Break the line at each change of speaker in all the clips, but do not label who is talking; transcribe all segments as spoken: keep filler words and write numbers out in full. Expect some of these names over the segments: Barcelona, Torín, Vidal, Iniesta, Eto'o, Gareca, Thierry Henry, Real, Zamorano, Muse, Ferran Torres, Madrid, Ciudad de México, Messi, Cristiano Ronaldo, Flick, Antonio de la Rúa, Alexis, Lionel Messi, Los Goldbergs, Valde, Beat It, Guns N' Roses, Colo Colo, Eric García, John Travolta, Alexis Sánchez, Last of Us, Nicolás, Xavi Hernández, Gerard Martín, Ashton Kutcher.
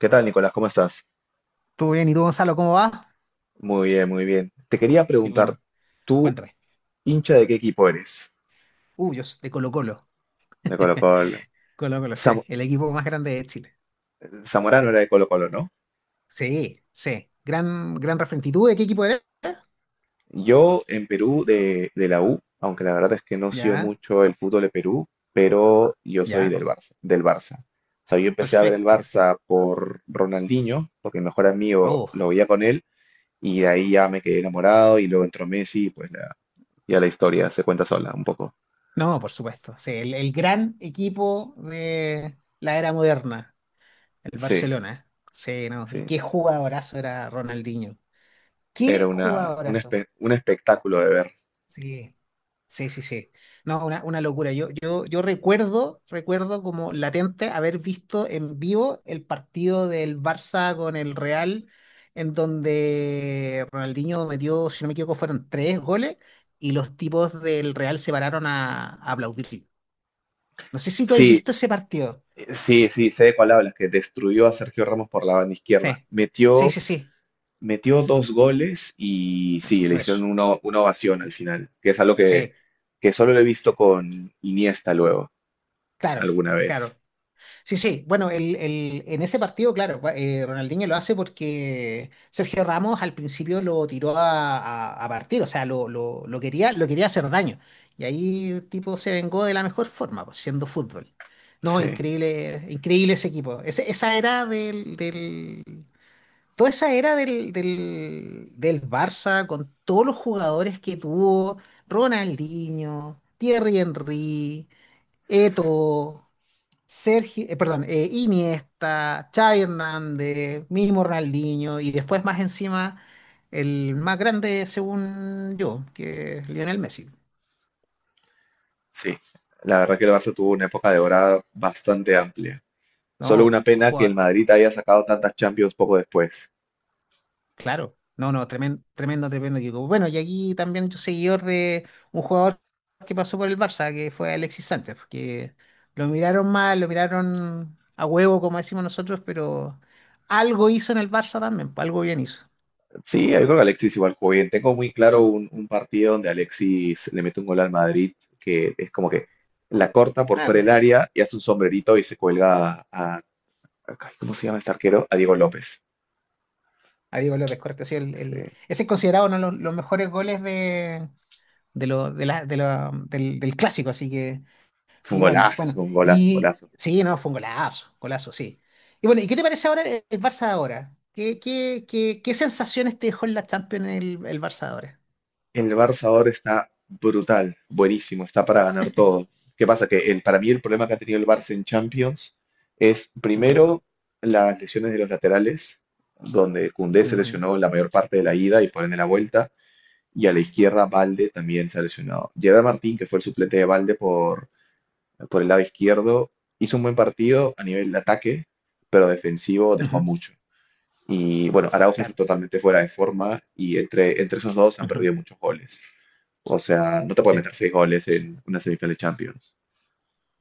¿Qué tal, Nicolás? ¿Cómo estás?
¿Todo bien? ¿Y tú, Gonzalo, cómo va?
Muy bien, muy bien. Te quería
Y
preguntar,
bueno,
¿tú
cuéntame.
hincha de qué equipo eres?
Uh, yo soy de Colo-Colo.
De Colo Colo.
Colo-Colo, sí,
Zam-
el equipo más grande de Chile.
Zamorano era de Colo Colo, ¿no?
Sí, sí. Gran, gran referente. ¿Y tú de qué equipo eres?
Yo en Perú de, de la U, aunque la verdad es que no sigo
Ya,
mucho el fútbol de Perú, pero yo soy
ya.
del Barça, del Barça. O sea, yo empecé a ver el
Perfecto.
Barça por Ronaldinho, porque mi mejor amigo
Uh,
lo veía con él, y de ahí ya me quedé enamorado, y luego entró Messi, y pues la, ya la historia se cuenta sola un poco.
no, por supuesto. Sí, el, el gran equipo de la era moderna, el
Sí,
Barcelona. Sí, no. ¿Y
sí.
qué jugadorazo era Ronaldinho?
Era
¿Qué
una, un,
jugadorazo?
espe- un espectáculo de ver.
Sí, sí, sí, sí. No, una, una locura. Yo, yo, yo recuerdo, recuerdo como latente haber visto en vivo el partido del Barça con el Real, en donde Ronaldinho metió, si no me equivoco, fueron tres goles y los tipos del Real se pararon a, a aplaudir. No sé si tú has
Sí,
visto ese partido.
sí, sí, sé de cuál hablas, que destruyó a Sergio Ramos por la banda izquierda.
Sí, sí,
Metió,
sí, sí.
metió dos goles y sí, le hicieron
Eso.
una, una ovación al final, que es algo que,
Sí,
que solo lo he visto con Iniesta luego,
claro,
alguna vez.
claro. Sí, sí, bueno, el, el- en ese partido, claro, eh, Ronaldinho lo hace porque Sergio Ramos al principio lo tiró a, a- a partir, o sea, lo, lo- lo quería, lo quería hacer daño. Y ahí el tipo se vengó de la mejor forma, pues, siendo fútbol. No,
Sí,
increíble, increíble ese equipo. Ese- esa era del, del- Toda esa era del, del, del Barça, con todos los jugadores que tuvo: Ronaldinho, Thierry Henry, Eto'o. Sergio, eh, perdón, eh, Iniesta, Xavi Hernández, mismo Ronaldinho y después más encima el más grande según yo, que es Lionel Messi.
sí. La verdad que el Barça tuvo una época de dorada bastante amplia. Solo una
No,
pena que el
jugador,
Madrid haya sacado tantas Champions poco después.
claro. No, no, tremendo, tremendo, tremendo equipo. Bueno, y aquí también yo seguidor de un jugador que pasó por el Barça, que fue Alexis Sánchez, que lo miraron mal, lo miraron a huevo, como decimos nosotros, pero algo hizo en el Barça también, pues, algo bien hizo.
Sí, yo creo que Alexis igual jugó bien. Tengo muy claro un, un partido donde Alexis le mete un gol al Madrid, que es como que la corta por fuera
Ah,
del área y hace un sombrerito y se cuelga a, a- ay, ¿cómo se llama este arquero? A Diego López.
a Diego López, correcto. Sí, el,
Sí.
el- ese es considerado uno de los, los mejores goles de, de lo, de la, de la- del, del clásico, así que
Fue un
sí, bueno,
golazo,
bueno.
un golazo, un
Y
golazo.
sí, no, fue un golazo, golazo, sí. Y bueno, ¿y qué te parece ahora el, el Barça de ahora? ¿Qué, qué, qué, qué sensaciones te dejó en la Champions el, el Barça de ahora?
El Barça ahora está brutal, buenísimo, está para ganar todo. ¿Qué pasa? Que el, para mí el problema que ha tenido el Barça en Champions es
Ujú,
primero las lesiones de los laterales, donde Koundé se
ujú,
lesionó la mayor parte de la ida y por ende la vuelta. Y a la izquierda Valde también se ha lesionado. Gerard Martín, que fue el suplente de Valde por, por el lado izquierdo, hizo un buen partido a nivel de ataque, pero defensivo dejó
ujú.
mucho. Y bueno, Araujo está
Claro.
totalmente fuera de forma y entre, entre esos dos han
Ujú,
perdido muchos goles. O sea, no te puede
sí,
meter seis goles en una semifinal de Champions.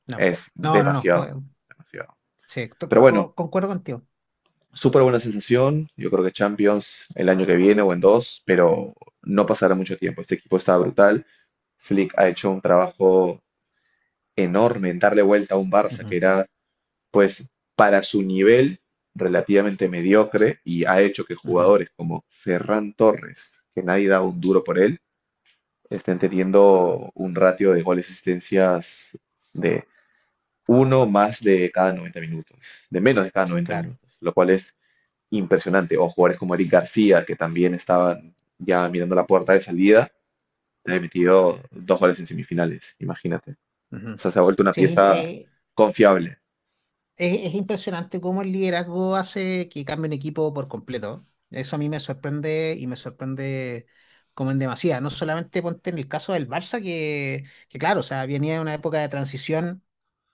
no.
Es
No, no, no,
demasiado,
fue,
demasiado.
sí, to-
Pero bueno,
co- concuerdo contigo.
súper buena sensación. Yo creo que Champions el año que viene o en dos, pero no pasará mucho tiempo. Este equipo está brutal. Flick ha hecho un trabajo enorme en darle vuelta a un Barça que
Ujú,
era, pues, para su nivel relativamente mediocre y ha hecho que
ujú.
jugadores como Ferran Torres, que nadie da un duro por él, estén teniendo un ratio de goles y asistencias de uno más de cada noventa minutos, de menos de cada noventa
Claro.
minutos, lo cual es impresionante. O jugadores como Eric García, que también estaban ya mirando la puerta de salida, te ha metido dos goles en semifinales, imagínate. O
Ujú.
sea, se ha vuelto una
Sí, es, im-
pieza
eh,
confiable.
Es, es impresionante cómo el liderazgo hace que cambie un equipo por completo. Eso a mí me sorprende y me sorprende como en demasía. No solamente ponte en el caso del Barça, que, que claro, o sea, venía de una época de transición,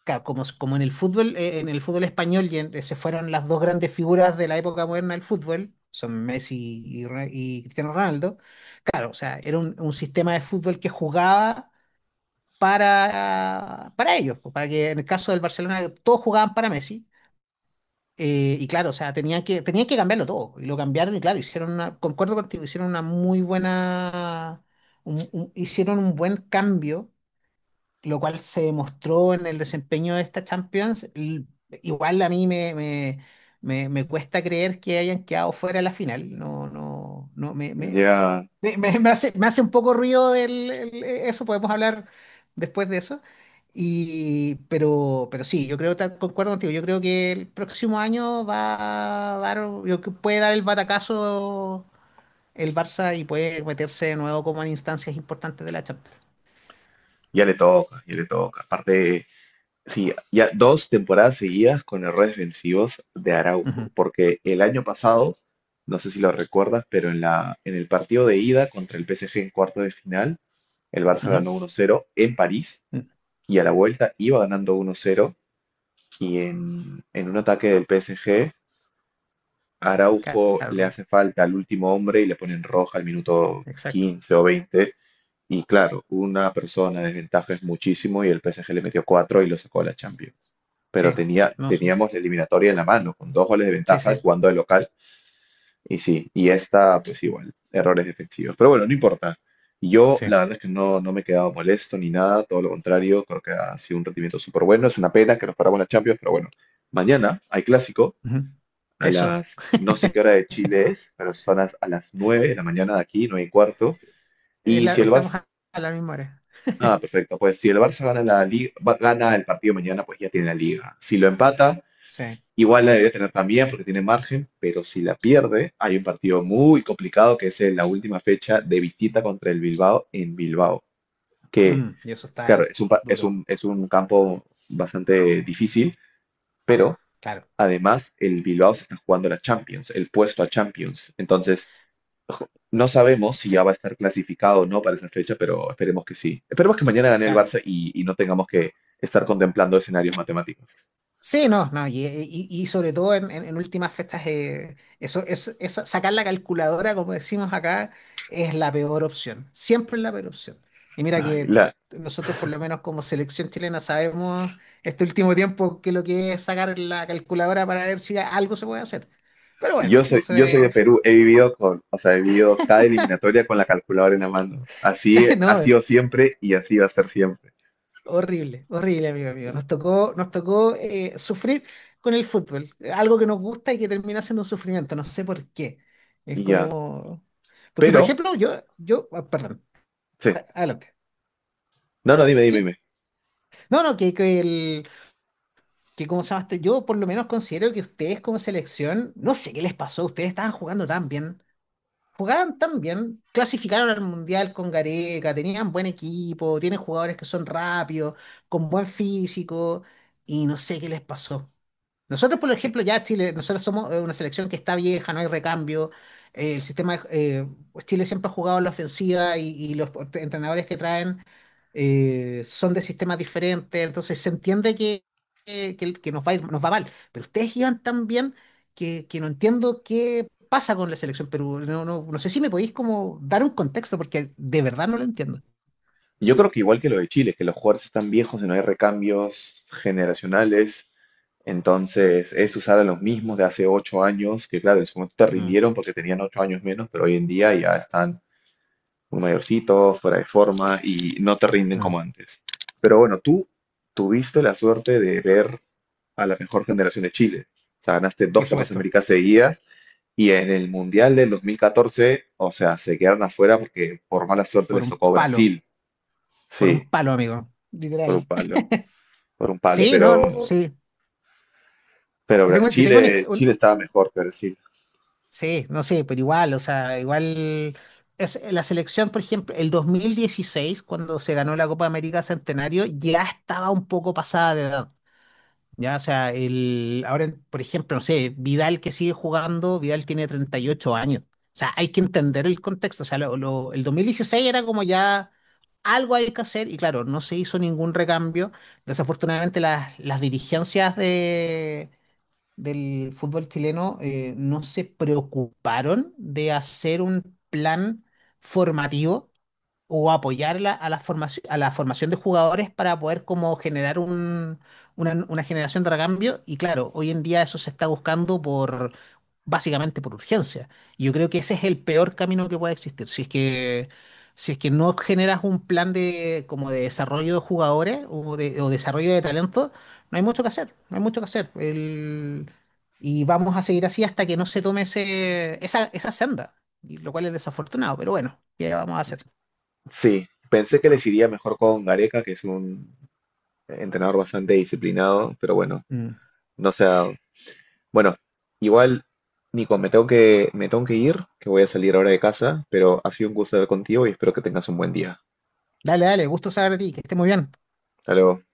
ca- como, como en el fútbol, eh, en el fútbol español y en- se fueron las dos grandes figuras de la época moderna del fútbol, son Messi y, Re- y Cristiano Ronaldo. Claro, o sea, era un, un sistema de fútbol que jugaba para, para ellos, pues, para que en el caso del Barcelona todos jugaban para Messi, eh, y claro, o sea, tenían que, tenían que cambiarlo todo. Y lo cambiaron y claro, hicieron una, concuerdo contigo, hicieron una muy buena, un- un- hicieron un buen cambio, lo cual se demostró en el desempeño de esta Champions. L- Igual a mí me, me, me, me cuesta creer que hayan quedado fuera de la final. No, no, no. me, me,
Ya,
me, me- me hace, me hace un poco ruido el- el- e, eso. Podemos hablar después de eso. Y, pero, pero sí, yo creo, tal- concuerdo contigo, yo creo que el próximo año va a dar, yo creo que puede dar el batacazo el Barça y puede meterse de nuevo como en instancias importantes de la Champions.
ya le toca, ya le toca. Aparte, sí, ya dos temporadas seguidas con errores defensivos de
Ujú,
Araujo, porque el año pasado, no sé si lo recuerdas, pero en la, en el partido de ida contra el P S G en cuarto de final, el Barça ganó uno cero en París
ujú.
y a la vuelta iba ganando uno cero y en, en un ataque del P S G, Araujo le
Claro,
hace falta al último hombre y le ponen roja al minuto
exacto.
quince o veinte y claro, una persona de desventaja es muchísimo y el P S G le metió cuatro y lo sacó a la Champions. Pero
Sí,
tenía,
no, su-
teníamos la eliminatoria en la mano, con dos goles de
sí,
ventaja
sí,
jugando de local. Y sí, y esta, pues igual, errores efectivos. Pero bueno, no importa. Yo,
sí.
la verdad es que no, no me he quedado molesto ni nada, todo lo contrario, creo que ha sido un rendimiento súper bueno. Es una pena que nos paramos en la Champions, pero bueno, mañana hay clásico
Ujú.
a
Eso.
las, no sé qué hora de Chile es, pero son las- a las nueve de la mañana de aquí, nueve y cuarto.
Es
Y si
la-
el Barça,
estamos a a la misma hora.
ah, perfecto, pues si el Barça gana, la liga, gana el partido mañana, pues ya tiene la liga. Si lo empata,
Sí.
igual la debería tener también porque tiene margen, pero si la pierde, hay un partido muy complicado que es en la última fecha de visita contra el Bilbao en Bilbao, que
Mm, y eso
claro,
está
es un, pa- es
duro.
un, es un campo bastante difícil, pero
Claro.
además el Bilbao se está jugando la Champions, el puesto a Champions. Entonces, ojo, no sabemos si ya va
Sí,
a estar clasificado o no para esa fecha, pero esperemos que sí. Esperemos que mañana gane el
claro.
Barça y, y no tengamos que estar contemplando escenarios matemáticos.
Sí, no, no, y, y- y sobre todo en, en- en últimas fechas, eh, eso, es esa- sacar la calculadora, como decimos acá, es la peor opción, siempre es la peor opción. Y mira
Ay,
que
la,
nosotros, por lo menos como selección chilena, sabemos este último tiempo que lo que es sacar la calculadora para ver si algo se puede hacer. Pero
yo
bueno,
soy,
eso
yo soy de
es,
Perú, he vivido con, o sea, he vivido cada eliminatoria con la calculadora en la mano. Así ha
no,
sido siempre y así va a ser siempre.
horrible, horrible, amigo, amigo. Nos tocó, nos tocó eh, sufrir con el fútbol, eh, algo que nos gusta y que termina siendo un sufrimiento, no sé por qué. Es
Y ya.
como. Porque, por
Pero,
ejemplo, yo, yo, ah, perdón,
sí.
adelante.
No, no, dime, dime,
Sí.
dime.
No, no, que, que el, que como se llama este, yo por lo menos considero que ustedes como selección, no sé qué les pasó, ustedes estaban jugando tan bien, jugaban tan bien, clasificaron al Mundial con Gareca, tenían buen equipo, tienen jugadores que son rápidos, con buen físico, y no sé qué les pasó. Nosotros, por ejemplo, ya Chile, nosotros somos eh, una selección que está vieja, no hay recambio. eh, el sistema, eh, pues Chile siempre ha jugado a la ofensiva y, y los entrenadores que traen, eh, son de sistemas diferentes, entonces se entiende que, que, que- que nos va a ir- nos va mal. Pero ustedes iban tan bien que, que no entiendo qué pasa con la selección Perú. No, no, no sé si me podéis como dar un contexto, porque de verdad no lo entiendo.
Yo creo que igual que lo de Chile, que los jugadores están viejos y no hay recambios generacionales. Entonces, es usar a los mismos de hace ocho años, que claro, en su momento te
Mm,
rindieron porque tenían ocho años menos, pero hoy en día ya están muy mayorcitos, fuera de forma y no te rinden
mm.
como antes. Pero bueno, tú tuviste la suerte de ver a la mejor generación de Chile. O sea, ganaste dos
Por
Copas
supuesto,
Américas seguidas y en el Mundial del dos mil catorce, o sea, se quedaron afuera porque por mala suerte
por
les
un
tocó
palo,
Brasil.
por un
Sí,
palo, amigo.
por un
Literal.
palo, por un palo,
Sí, no,
pero,
sí.
pero
Yo
Bra-
tengo, yo tengo un, hist-
Chile, Chile
un-
estaba mejor que Brasil.
Sí, no sé, pero igual, o sea, igual. Es, la selección, por ejemplo, el dos mil dieciséis cuando se ganó la Copa América Centenario, ya estaba un poco pasada de edad. Ya, o sea, el, ahora, por ejemplo, no sé, Vidal que sigue jugando, Vidal tiene treinta y ocho años. O sea, hay que entender el contexto. O sea, lo- lo- el dos mil dieciséis era como ya algo hay que hacer y claro, no se hizo ningún recambio. Desafortunadamente las, las dirigencias del fútbol chileno, eh, no se preocuparon de hacer un plan formativo o apoyarla a la formación, a la formación de jugadores para poder como generar un, una, una generación de recambio. Y claro, hoy en día eso se está buscando por básicamente por urgencia. Y yo creo que ese es el peor camino que puede existir. Si es que, si es que no generas un plan de, como de desarrollo de jugadores o, de, o desarrollo de talento, no hay mucho que hacer, no hay mucho que hacer. El- y vamos a seguir así hasta que no se tome ese, esa, esa senda, y lo cual es desafortunado, pero bueno, ¿qué vamos a hacer?
Sí, pensé que les iría mejor con Gareca, que es un entrenador bastante disciplinado, pero bueno,
Mm.
no se ha dado. Bueno, igual, Nico, me tengo que, me tengo que ir, que voy a salir ahora de casa, pero ha sido un gusto hablar contigo y espero que tengas un buen día.
Dale, dale, gusto saber de ti, que esté muy bien.
Hasta luego.